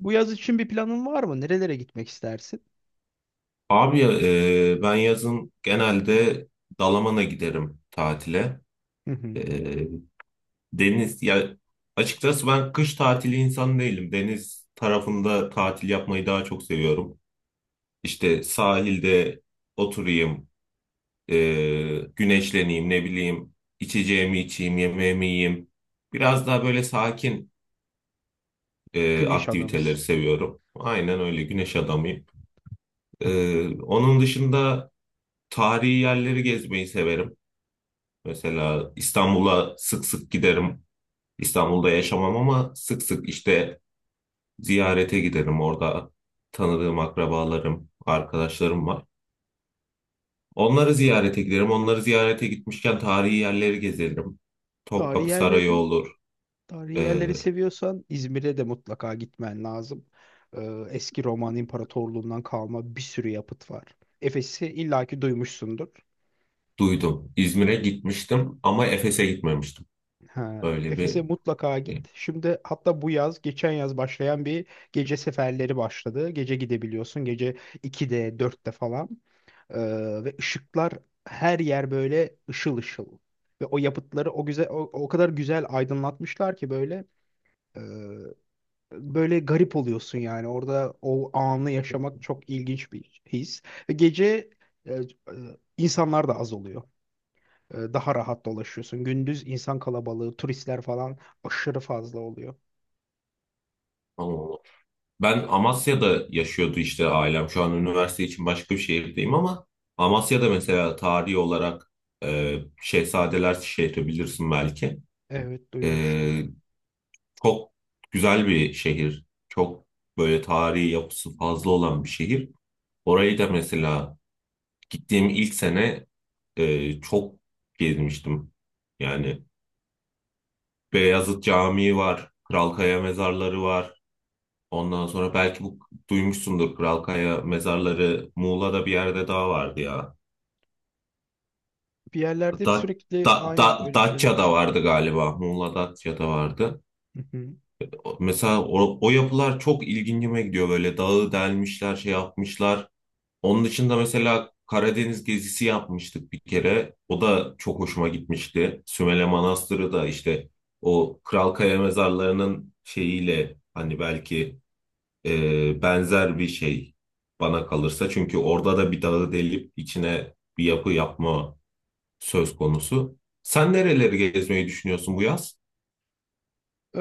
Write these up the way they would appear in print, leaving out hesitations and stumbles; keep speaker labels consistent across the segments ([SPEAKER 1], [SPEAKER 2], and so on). [SPEAKER 1] Bu yaz için bir planın var mı? Nerelere gitmek istersin?
[SPEAKER 2] Abi ben yazın genelde Dalaman'a giderim tatile.
[SPEAKER 1] Hı hı.
[SPEAKER 2] E, Deniz ya açıkçası ben kış tatili insan değilim. Deniz tarafında tatil yapmayı daha çok seviyorum. İşte sahilde oturayım, e, güneşleneyim, ne bileyim, içeceğimi içeyim, yemeğimi yiyeyim. Biraz daha böyle sakin
[SPEAKER 1] Güneş
[SPEAKER 2] aktiviteleri
[SPEAKER 1] adamız.
[SPEAKER 2] seviyorum. Aynen öyle güneş adamıyım. Onun dışında tarihi yerleri gezmeyi severim. Mesela İstanbul'a sık sık giderim. İstanbul'da yaşamam ama sık sık işte ziyarete giderim. Orada tanıdığım akrabalarım, arkadaşlarım var. Onları ziyarete giderim. Onları ziyarete gitmişken tarihi yerleri gezerim.
[SPEAKER 1] Tarihi
[SPEAKER 2] Topkapı Sarayı
[SPEAKER 1] yerleri,
[SPEAKER 2] olur.
[SPEAKER 1] Tarihi yerleri
[SPEAKER 2] Ee,
[SPEAKER 1] seviyorsan İzmir'e de mutlaka gitmen lazım. Eski Roman İmparatorluğundan kalma bir sürü yapıt var. Efes'i illaki duymuşsundur.
[SPEAKER 2] Duydum. İzmir'e gitmiştim ama Efes'e gitmemiştim.
[SPEAKER 1] Ha,
[SPEAKER 2] Öyle
[SPEAKER 1] Efes'e
[SPEAKER 2] bir
[SPEAKER 1] mutlaka
[SPEAKER 2] şey.
[SPEAKER 1] git. Şimdi hatta bu yaz, geçen yaz başlayan bir gece seferleri başladı. Gece gidebiliyorsun. Gece 2'de, 4'te falan. Ee, ve ışıklar her yer böyle ışıl ışıl. Ve o yapıtları o güzel o kadar güzel aydınlatmışlar ki böyle, e, böyle garip oluyorsun yani. Orada o anı yaşamak çok ilginç bir his. Ve gece e, e, insanlar da az oluyor. Daha rahat dolaşıyorsun. Gündüz insan kalabalığı, turistler falan aşırı fazla oluyor.
[SPEAKER 2] Tamam. Ben Amasya'da yaşıyordu işte ailem. Şu an üniversite için başka bir şehirdeyim ama Amasya'da mesela tarihi olarak Şehzadeler şehri bilirsin belki.
[SPEAKER 1] Evet, duymuştum.
[SPEAKER 2] E, Çok güzel bir şehir. Çok böyle tarihi yapısı fazla olan bir şehir. Orayı da mesela gittiğim ilk sene çok gezmiştim. Yani Beyazıt Camii var, Kral Kaya mezarları var. Ondan sonra belki bu duymuşsundur Kralkaya mezarları Muğla'da bir yerde daha vardı ya.
[SPEAKER 1] Bir yerlerde hep
[SPEAKER 2] Da,
[SPEAKER 1] sürekli aynen öyle şeyler
[SPEAKER 2] Datça'da
[SPEAKER 1] çıkıyor.
[SPEAKER 2] vardı galiba. Muğla Datça'da vardı.
[SPEAKER 1] Hı hı.
[SPEAKER 2] Mesela o yapılar çok ilgincime gidiyor. Böyle dağı delmişler, şey yapmışlar. Onun dışında mesela Karadeniz gezisi yapmıştık bir kere. O da çok hoşuma gitmişti. Sümele Manastırı da işte o Kralkaya mezarlarının şeyiyle hani belki benzer bir şey bana kalırsa. Çünkü orada da bir dağı delip içine bir yapı yapma söz konusu. Sen nereleri gezmeyi düşünüyorsun bu yaz?
[SPEAKER 1] Ee,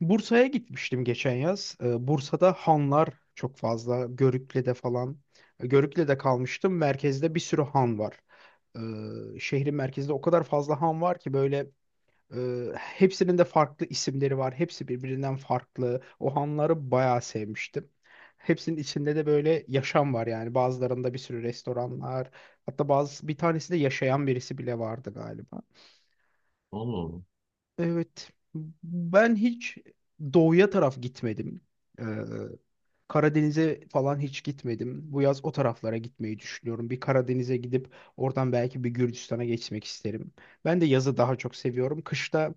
[SPEAKER 1] Bursa'ya gitmiştim geçen yaz. Bursa'da hanlar çok fazla. Görükle'de falan. Görükle'de kalmıştım. Merkezde bir sürü han var. Şehrin merkezinde o kadar fazla han var ki böyle. Hepsinin de farklı isimleri var. Hepsi birbirinden farklı. O hanları bayağı sevmiştim. Hepsinin içinde de böyle yaşam var yani. Bazılarında bir sürü restoranlar. Hatta bir tanesinde yaşayan birisi bile vardı galiba.
[SPEAKER 2] Oğlum.
[SPEAKER 1] Evet. Ben hiç doğuya taraf gitmedim. Ee, Karadeniz'e falan hiç gitmedim. Bu yaz o taraflara gitmeyi düşünüyorum. Bir Karadeniz'e gidip oradan belki bir Gürcistan'a geçmek isterim. Ben de yazı daha çok seviyorum. Kışta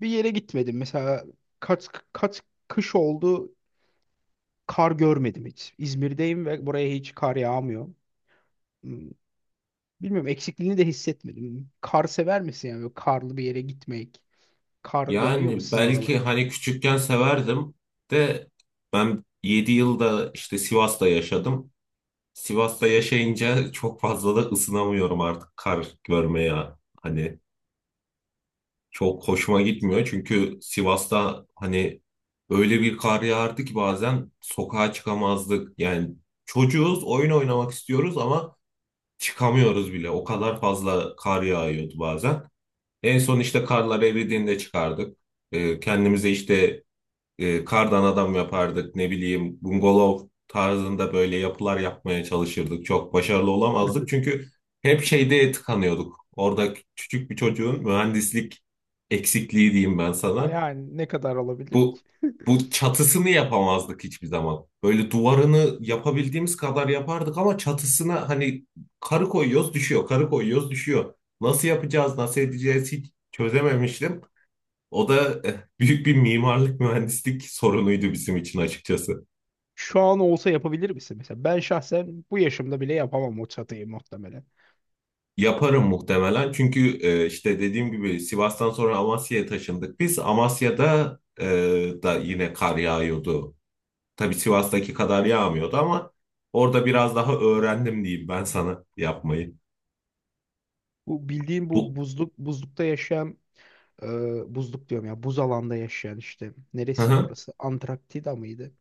[SPEAKER 1] bir yere gitmedim. Mesela kaç kış oldu, kar görmedim hiç. İzmir'deyim ve buraya hiç kar yağmıyor. Hmm, Bilmiyorum, eksikliğini de hissetmedim. Kar sever misin, yani böyle karlı bir yere gitmek? Kar yağıyor mu
[SPEAKER 2] Yani
[SPEAKER 1] sizin
[SPEAKER 2] belki
[SPEAKER 1] oralara?
[SPEAKER 2] hani küçükken severdim de ben 7 yılda işte Sivas'ta yaşadım. Sivas'ta yaşayınca çok fazla da ısınamıyorum artık kar görmeye. Hani çok hoşuma gitmiyor. Çünkü Sivas'ta hani öyle bir kar yağardı ki bazen sokağa çıkamazdık. Yani çocuğuz, oyun oynamak istiyoruz ama çıkamıyoruz bile. O kadar fazla kar yağıyordu bazen. En son işte karlar eridiğinde çıkardık. Kendimize işte kardan adam yapardık, ne bileyim, bungalov tarzında böyle yapılar yapmaya çalışırdık. Çok başarılı olamazdık çünkü hep şeyde tıkanıyorduk. Orada küçük bir çocuğun mühendislik eksikliği diyeyim ben
[SPEAKER 1] Ha,
[SPEAKER 2] sana.
[SPEAKER 1] yani ne kadar olabilir ki?
[SPEAKER 2] Bu bu çatısını yapamazdık hiçbir zaman. Böyle duvarını yapabildiğimiz kadar yapardık ama çatısına hani karı koyuyoruz düşüyor, karı koyuyoruz düşüyor. Nasıl yapacağız, nasıl edeceğiz hiç çözememiştim. O da büyük bir mimarlık mühendislik sorunuydu bizim için açıkçası.
[SPEAKER 1] Şu an olsa yapabilir misin mesela? Ben şahsen bu yaşımda bile yapamam o çatıyı muhtemelen.
[SPEAKER 2] Yaparım muhtemelen çünkü işte dediğim gibi Sivas'tan sonra Amasya'ya taşındık biz. Amasya'da eh, da yine kar yağıyordu. Tabii Sivas'taki kadar yağmıyordu ama orada biraz daha öğrendim diyeyim ben sana yapmayı.
[SPEAKER 1] Bu bildiğim, bu
[SPEAKER 2] Bu
[SPEAKER 1] buzlukta yaşayan, buzluk diyorum ya, buz alanda yaşayan işte, neresiydi orası? Antarktika mıydı?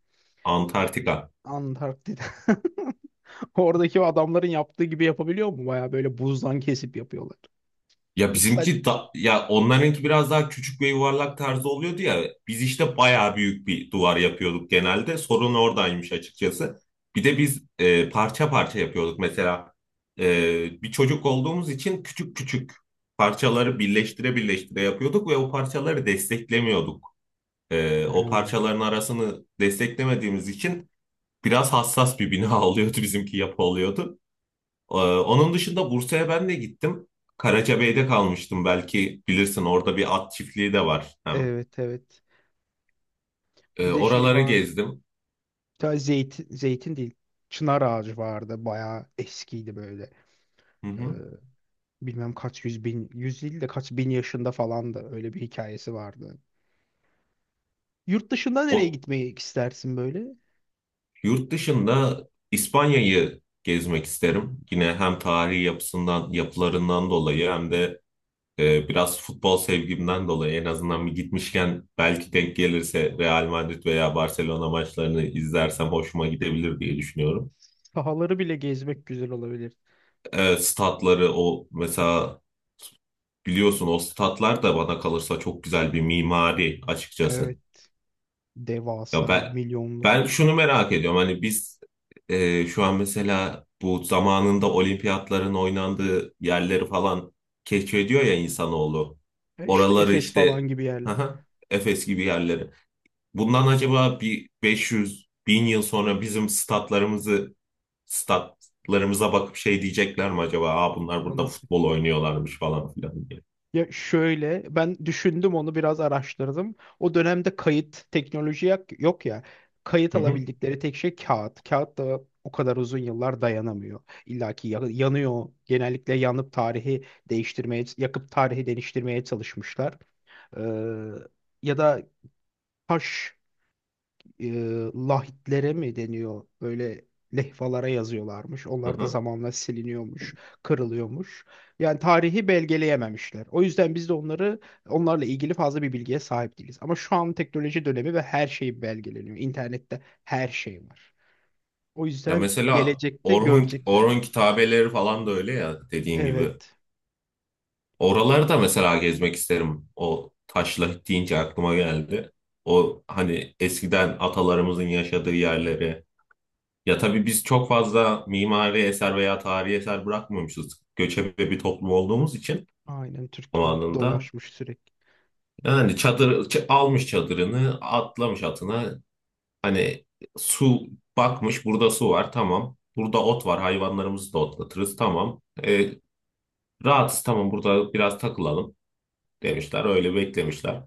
[SPEAKER 2] Antarktika.
[SPEAKER 1] Antarktida. Oradaki o adamların yaptığı gibi yapabiliyor mu? Baya böyle buzdan kesip yapıyorlar.
[SPEAKER 2] Ya
[SPEAKER 1] Yoksa sadece...
[SPEAKER 2] bizimki da, ya onlarınki biraz daha küçük ve yuvarlak tarzı oluyordu ya. Biz işte bayağı büyük bir duvar yapıyorduk genelde. Sorun oradaymış açıkçası. Bir de biz parça parça yapıyorduk. Mesela bir çocuk olduğumuz için küçük küçük parçaları birleştire birleştire yapıyorduk ve o parçaları desteklemiyorduk.
[SPEAKER 1] Ha,
[SPEAKER 2] O parçaların arasını desteklemediğimiz için biraz hassas bir bina oluyordu bizimki, yapı oluyordu. Onun dışında Bursa'ya ben de gittim. Karacabey'de kalmıştım, belki bilirsin, orada bir at çiftliği de var hem.
[SPEAKER 1] evet evet. Bir de şey
[SPEAKER 2] Oraları
[SPEAKER 1] vardı.
[SPEAKER 2] gezdim.
[SPEAKER 1] Bir tane zeytin, zeytin değil. Çınar ağacı vardı. Baya eskiydi böyle.
[SPEAKER 2] Hı
[SPEAKER 1] Ee,
[SPEAKER 2] hı.
[SPEAKER 1] bilmem kaç yüz bin, yüz değil de kaç bin yaşında falandı. Öyle bir hikayesi vardı. Yurt dışında nereye
[SPEAKER 2] O,
[SPEAKER 1] gitmeyi istersin böyle?
[SPEAKER 2] yurt dışında İspanya'yı gezmek isterim. Yine hem tarihi yapısından, yapılarından dolayı hem de biraz futbol sevgimden dolayı, en azından bir gitmişken belki denk gelirse Real Madrid veya Barcelona maçlarını izlersem hoşuma gidebilir diye düşünüyorum.
[SPEAKER 1] Sahaları bile gezmek güzel olabilir.
[SPEAKER 2] Statları o mesela, biliyorsun o statlar da bana kalırsa çok güzel bir mimari açıkçası.
[SPEAKER 1] Evet.
[SPEAKER 2] Ya
[SPEAKER 1] Devasa,
[SPEAKER 2] ben
[SPEAKER 1] milyonluk.
[SPEAKER 2] şunu merak ediyorum. Hani biz şu an mesela bu zamanında olimpiyatların oynandığı yerleri falan keşfediyor ya insanoğlu.
[SPEAKER 1] İşte
[SPEAKER 2] Oraları
[SPEAKER 1] Efes falan
[SPEAKER 2] işte
[SPEAKER 1] gibi yerler.
[SPEAKER 2] haha, Efes gibi yerleri. Bundan acaba bir 500 bin yıl sonra bizim statlarımıza bakıp şey diyecekler mi acaba? Aa, bunlar
[SPEAKER 1] Burada
[SPEAKER 2] burada
[SPEAKER 1] nasıl?
[SPEAKER 2] futbol oynuyorlarmış falan filan diye.
[SPEAKER 1] Ya şöyle, ben düşündüm, onu biraz araştırdım. O dönemde kayıt teknoloji yok ya. Kayıt
[SPEAKER 2] Hı hı.
[SPEAKER 1] alabildikleri tek şey kağıt. Kağıt da o kadar uzun yıllar dayanamıyor. İlla ki yanıyor. Genellikle yanıp tarihi değiştirmeye, yakıp tarihi değiştirmeye çalışmışlar. Ee, ya da taş, e, lahitlere mi deniyor? Böyle lehvalara yazıyorlarmış.
[SPEAKER 2] Hı
[SPEAKER 1] Onlar da
[SPEAKER 2] hı.
[SPEAKER 1] zamanla siliniyormuş, kırılıyormuş. Yani tarihi belgeleyememişler. O yüzden biz de onlarla ilgili fazla bir bilgiye sahip değiliz. Ama şu an teknoloji dönemi ve her şey belgeleniyor. İnternette her şey var. O
[SPEAKER 2] Ya
[SPEAKER 1] yüzden
[SPEAKER 2] mesela
[SPEAKER 1] gelecekte
[SPEAKER 2] Orhun,
[SPEAKER 1] görecekler yani.
[SPEAKER 2] Orhun kitabeleri falan da öyle ya, dediğin gibi.
[SPEAKER 1] Evet.
[SPEAKER 2] Oraları
[SPEAKER 1] Bir-
[SPEAKER 2] da mesela gezmek isterim. O, taşla deyince aklıma geldi. O hani eskiden atalarımızın yaşadığı yerleri. Ya tabii biz çok fazla mimari eser veya tarihi eser bırakmamışız. Göçebe bir toplum olduğumuz için
[SPEAKER 1] Aynen,
[SPEAKER 2] o
[SPEAKER 1] Türkler
[SPEAKER 2] anında.
[SPEAKER 1] dolaşmış sürekli.
[SPEAKER 2] Yani çadır almış çadırını, atlamış atına. Hani su bakmış burada su var tamam. Burada ot var, hayvanlarımızı da otlatırız tamam. Rahatsız tamam, burada biraz takılalım demişler. Öyle beklemişler.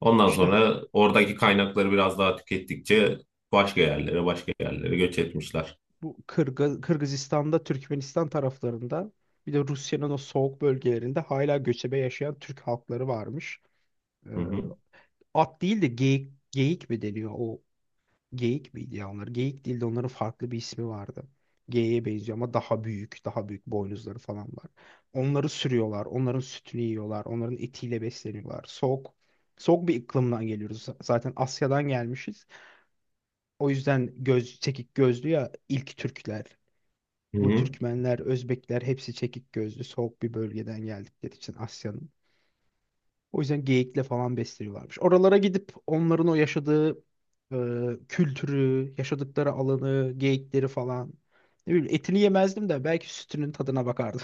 [SPEAKER 2] Ondan
[SPEAKER 1] İşte
[SPEAKER 2] sonra oradaki kaynakları biraz daha tükettikçe başka yerlere, başka yerlere göç etmişler.
[SPEAKER 1] bu Kırgızistan'da, Türkmenistan taraflarında, bir de Rusya'nın o soğuk bölgelerinde hala göçebe yaşayan Türk halkları varmış. Ee,
[SPEAKER 2] Hı hı.
[SPEAKER 1] at değil de geyik, geyik mi deniyor? O geyik miydi ya onlar? Geyik değil de onların farklı bir ismi vardı. Geyiğe benziyor ama daha büyük, daha büyük boynuzları falan var. Onları sürüyorlar, onların sütünü yiyorlar, onların etiyle besleniyorlar. Soğuk, soğuk bir iklimden geliyoruz. Zaten Asya'dan gelmişiz. O yüzden göz, çekik gözlü ya ilk Türkler.
[SPEAKER 2] Hı
[SPEAKER 1] Bu
[SPEAKER 2] hı.
[SPEAKER 1] Türkmenler, Özbekler hepsi çekik gözlü, soğuk bir bölgeden geldikleri için Asya'nın. O yüzden geyikle falan besleniyorlarmış. Oralara gidip onların o yaşadığı e, kültürü, yaşadıkları alanı, geyikleri falan. Ne bileyim, etini yemezdim de belki sütünün tadına bakardım.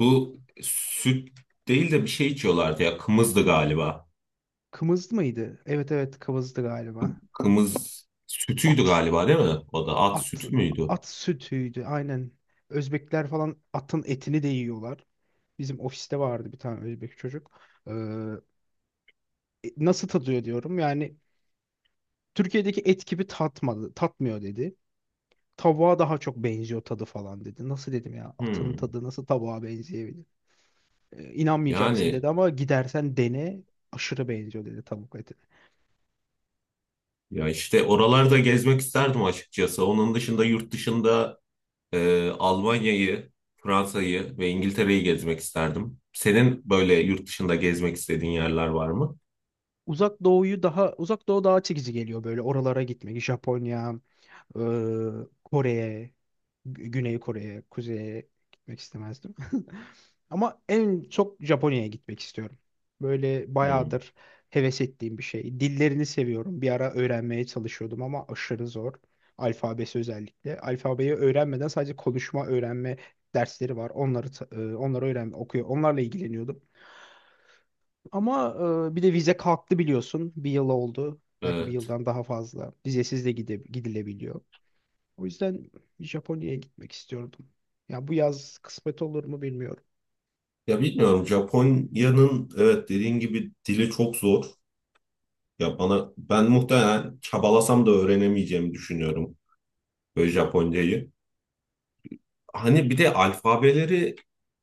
[SPEAKER 2] Bu süt değil de bir şey içiyorlardı ya. Kımızdı galiba.
[SPEAKER 1] Kımız mıydı? Evet evet, kımızdı galiba.
[SPEAKER 2] Kımız sütüydü
[SPEAKER 1] At,
[SPEAKER 2] galiba, değil mi? O da at
[SPEAKER 1] at,
[SPEAKER 2] sütü müydü?
[SPEAKER 1] at sütüydü aynen. Özbekler falan atın etini de yiyorlar. Bizim ofiste vardı bir tane Özbek çocuk. Ee, nasıl tadıyor diyorum. Yani Türkiye'deki et gibi tatmadı, tatmıyor dedi. Tavuğa daha çok benziyor tadı falan dedi. Nasıl dedim ya? Atın
[SPEAKER 2] Hmm.
[SPEAKER 1] tadı nasıl tavuğa benzeyebilir? E, inanmayacaksın
[SPEAKER 2] Yani
[SPEAKER 1] dedi ama gidersen dene, aşırı benziyor dedi tavuk eti.
[SPEAKER 2] işte oralarda gezmek isterdim açıkçası. Onun dışında yurt dışında Almanya'yı, Fransa'yı ve İngiltere'yi gezmek isterdim. Senin böyle yurt dışında gezmek istediğin yerler var mı?
[SPEAKER 1] Uzak doğu daha çekici geliyor, böyle oralara gitmek. Japonya, Kore'ye, Güney Kore'ye, Kuzey'e gitmek istemezdim. Ama en çok Japonya'ya gitmek istiyorum. Böyle
[SPEAKER 2] Hmm,
[SPEAKER 1] bayağıdır heves ettiğim bir şey. Dillerini seviyorum. Bir ara öğrenmeye çalışıyordum ama aşırı zor. Alfabesi özellikle. Alfabeyi öğrenmeden sadece konuşma öğrenme dersleri var. Onları öğren okuyor. Onlarla ilgileniyordum. Ama bir de vize kalktı, biliyorsun. Bir yıl oldu. Belki bir
[SPEAKER 2] evet.
[SPEAKER 1] yıldan daha fazla. Vizesiz de gidilebiliyor. O yüzden Japonya'ya gitmek istiyordum. Ya bu yaz kısmet olur mu bilmiyorum.
[SPEAKER 2] Ya bilmiyorum, Japonya'nın, evet, dediğin gibi dili çok zor. Ya bana, ben muhtemelen çabalasam da öğrenemeyeceğimi düşünüyorum böyle Japoncayı. Hani bir de alfabeleri,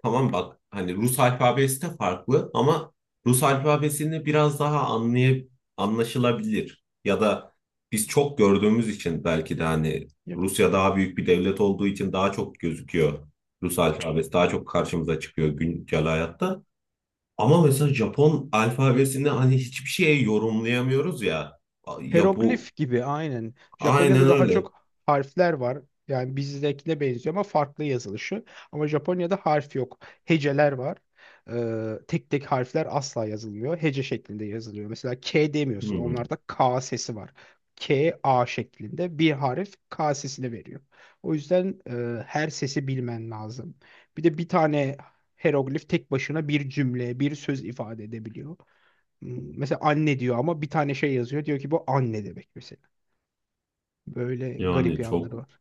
[SPEAKER 2] tamam bak, hani Rus alfabesi de farklı ama Rus alfabesini biraz daha anlaşılabilir, ya da biz çok gördüğümüz için belki de, hani
[SPEAKER 1] Ya,
[SPEAKER 2] Rusya daha büyük bir devlet olduğu için daha çok gözüküyor. Rus alfabesi daha çok karşımıza çıkıyor güncel hayatta. Ama mesela Japon alfabesini hani hiçbir şeye yorumlayamıyoruz ya. Ya bu,
[SPEAKER 1] hieroglif gibi aynen.
[SPEAKER 2] aynen
[SPEAKER 1] Japonya'da daha
[SPEAKER 2] öyle.
[SPEAKER 1] çok harfler var. Yani bizdekine benziyor ama farklı yazılışı. Ama Japonya'da harf yok. Heceler var. Tek tek harfler asla yazılmıyor. Hece şeklinde yazılıyor. Mesela K demiyorsun.
[SPEAKER 2] Hmm.
[SPEAKER 1] Onlarda K sesi var. K, A şeklinde bir harf K sesini veriyor. O yüzden her sesi bilmen lazım. Bir de bir tane hieroglif tek başına bir cümle, bir söz ifade edebiliyor. Mesela anne diyor ama bir tane şey yazıyor. Diyor ki bu anne demek mesela. Böyle garip
[SPEAKER 2] Yani çok
[SPEAKER 1] yanları var.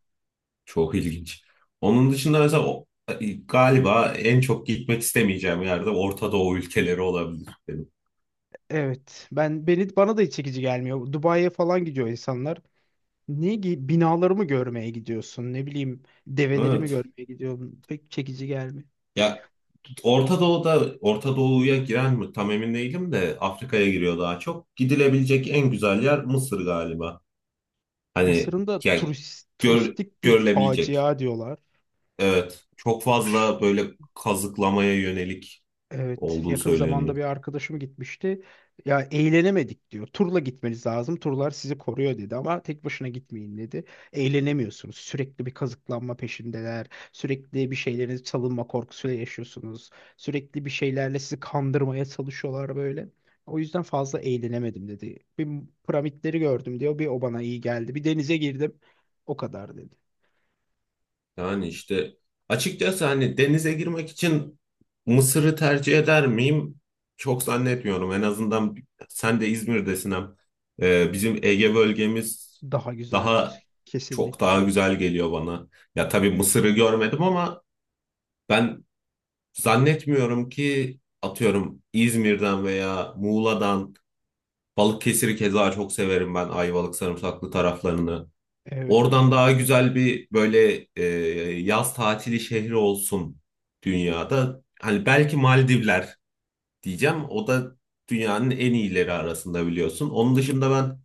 [SPEAKER 2] Çok ilginç. Onun dışında mesela galiba en çok gitmek istemeyeceğim yerde Orta Doğu ülkeleri olabilir benim.
[SPEAKER 1] Evet. Ben beni bana da hiç çekici gelmiyor. Dubai'ye falan gidiyor insanlar. Binalarımı görmeye gidiyorsun? Ne bileyim develerimi
[SPEAKER 2] Evet.
[SPEAKER 1] görmeye gidiyorum. Pek çekici gelmiyor.
[SPEAKER 2] Ya Orta Doğu'ya giren mi tam emin değilim de, Afrika'ya giriyor daha çok. Gidilebilecek en güzel yer Mısır galiba. Hani
[SPEAKER 1] Mısır'ın da
[SPEAKER 2] yani gör,
[SPEAKER 1] turistik bir
[SPEAKER 2] görülebilecek.
[SPEAKER 1] facia diyorlar.
[SPEAKER 2] Evet. Çok
[SPEAKER 1] Aş-
[SPEAKER 2] fazla böyle kazıklamaya yönelik
[SPEAKER 1] Evet,
[SPEAKER 2] olduğu
[SPEAKER 1] yakın zamanda
[SPEAKER 2] söyleniyor.
[SPEAKER 1] bir arkadaşım gitmişti. Ya, eğlenemedik diyor. Turla gitmeniz lazım. Turlar sizi koruyor dedi ama tek başına gitmeyin dedi. Eğlenemiyorsunuz. Sürekli bir kazıklanma peşindeler. Sürekli bir şeylerin çalınma korkusuyla yaşıyorsunuz. Sürekli bir şeylerle sizi kandırmaya çalışıyorlar böyle. O yüzden fazla eğlenemedim dedi. Bir piramitleri gördüm diyor. Bir o bana iyi geldi. Bir denize girdim. O kadar dedi.
[SPEAKER 2] Yani işte açıkçası hani denize girmek için Mısır'ı tercih eder miyim? Çok zannetmiyorum. En azından sen de İzmir'desin hem. Bizim Ege bölgemiz
[SPEAKER 1] Daha
[SPEAKER 2] daha
[SPEAKER 1] güzeldir.
[SPEAKER 2] çok,
[SPEAKER 1] Kesinlikle.
[SPEAKER 2] daha güzel geliyor bana. Ya tabii Mısır'ı görmedim ama ben zannetmiyorum ki, atıyorum İzmir'den veya Muğla'dan, Balıkesir'i keza çok severim ben, Ayvalık sarımsaklı taraflarını.
[SPEAKER 1] Evet.
[SPEAKER 2] Oradan daha güzel bir böyle yaz tatili şehri olsun dünyada. Hani belki Maldivler diyeceğim. O da dünyanın en iyileri arasında, biliyorsun. Onun dışında ben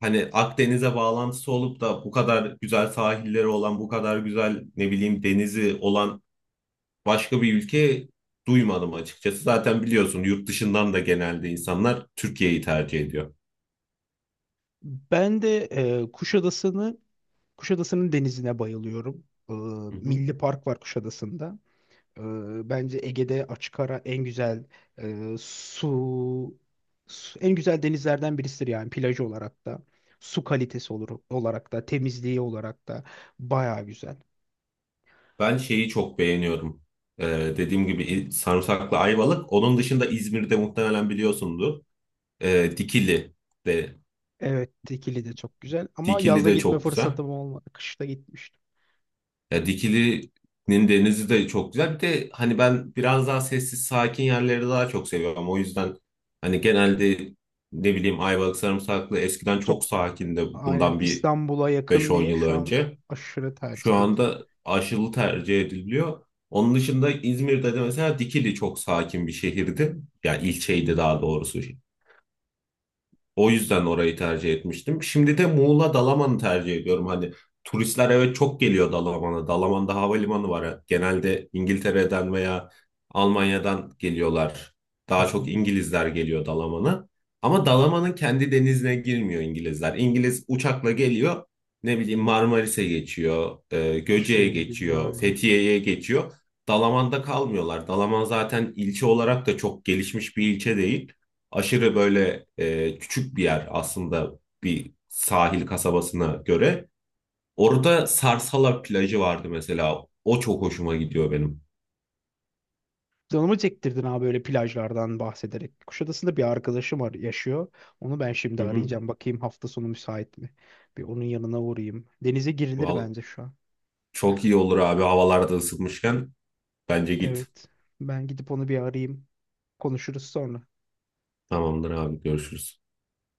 [SPEAKER 2] hani Akdeniz'e bağlantısı olup da bu kadar güzel sahilleri olan, bu kadar güzel, ne bileyim, denizi olan başka bir ülke duymadım açıkçası. Zaten biliyorsun yurt dışından da genelde insanlar Türkiye'yi tercih ediyor.
[SPEAKER 1] Ben de e, Kuşadası'nı Kuşadası'nın denizine bayılıyorum. Ee,
[SPEAKER 2] Hı hı.
[SPEAKER 1] Milli Park var Kuşadası'nda. Bence Ege'de açık ara en güzel e, su, denizlerden birisidir, yani plajı olarak da. Su kalitesi olarak da, temizliği olarak da baya güzel.
[SPEAKER 2] Ben şeyi çok beğeniyorum. Dediğim gibi, sarımsaklı ayvalık. Onun dışında İzmir'de muhtemelen biliyorsundur. Ee, Dikili de
[SPEAKER 1] Evet, Dikili de çok güzel ama
[SPEAKER 2] Dikili
[SPEAKER 1] yazda
[SPEAKER 2] de
[SPEAKER 1] gitme
[SPEAKER 2] çok güzel.
[SPEAKER 1] fırsatım olmadı. Kışta gitmiştim.
[SPEAKER 2] Ya Dikili'nin denizi de çok güzel. Bir de hani ben biraz daha sessiz, sakin yerleri daha çok seviyorum. O yüzden hani genelde, ne bileyim, Ayvalık sarımsaklı eskiden
[SPEAKER 1] Çok
[SPEAKER 2] çok sakindi,
[SPEAKER 1] aynen,
[SPEAKER 2] bundan bir
[SPEAKER 1] İstanbul'a
[SPEAKER 2] beş
[SPEAKER 1] yakın
[SPEAKER 2] on
[SPEAKER 1] diye
[SPEAKER 2] yıl
[SPEAKER 1] şu an
[SPEAKER 2] önce.
[SPEAKER 1] aşırı
[SPEAKER 2] Şu
[SPEAKER 1] tercih ediliyor.
[SPEAKER 2] anda aşılı tercih ediliyor. Onun dışında İzmir'de de mesela Dikili çok sakin bir şehirdi. Yani ilçeydi daha doğrusu. O yüzden orayı tercih etmiştim. Şimdi de Muğla Dalaman'ı tercih ediyorum. Hani turistler, evet, çok geliyor Dalaman'a. Dalaman'da havalimanı var. Genelde İngiltere'den veya Almanya'dan geliyorlar.
[SPEAKER 1] Hı
[SPEAKER 2] Daha çok
[SPEAKER 1] hı.
[SPEAKER 2] İngilizler geliyor Dalaman'a. Ama Dalaman'ın kendi denizine girmiyor İngilizler. İngiliz uçakla geliyor. Ne bileyim Marmaris'e geçiyor,
[SPEAKER 1] Başka
[SPEAKER 2] Göce'ye
[SPEAKER 1] yere gidiyor
[SPEAKER 2] geçiyor,
[SPEAKER 1] yani.
[SPEAKER 2] Fethiye'ye geçiyor. Dalaman'da kalmıyorlar. Dalaman zaten ilçe olarak da çok gelişmiş bir ilçe değil, aşırı böyle küçük bir yer aslında bir sahil kasabasına göre. Orada Sarsala plajı vardı mesela. O çok hoşuma gidiyor benim.
[SPEAKER 1] Canımı çektirdin abi böyle plajlardan bahsederek. Kuşadası'nda bir arkadaşım var, yaşıyor. Onu ben şimdi
[SPEAKER 2] Hı hı.
[SPEAKER 1] arayacağım. Bakayım hafta sonu müsait mi? Bir onun yanına uğrayayım. Denize girilir
[SPEAKER 2] Val,
[SPEAKER 1] bence şu an.
[SPEAKER 2] çok iyi olur abi, havalarda ısıtmışken. Bence git.
[SPEAKER 1] Evet. Ben gidip onu bir arayayım. Konuşuruz sonra.
[SPEAKER 2] Tamamdır abi, görüşürüz.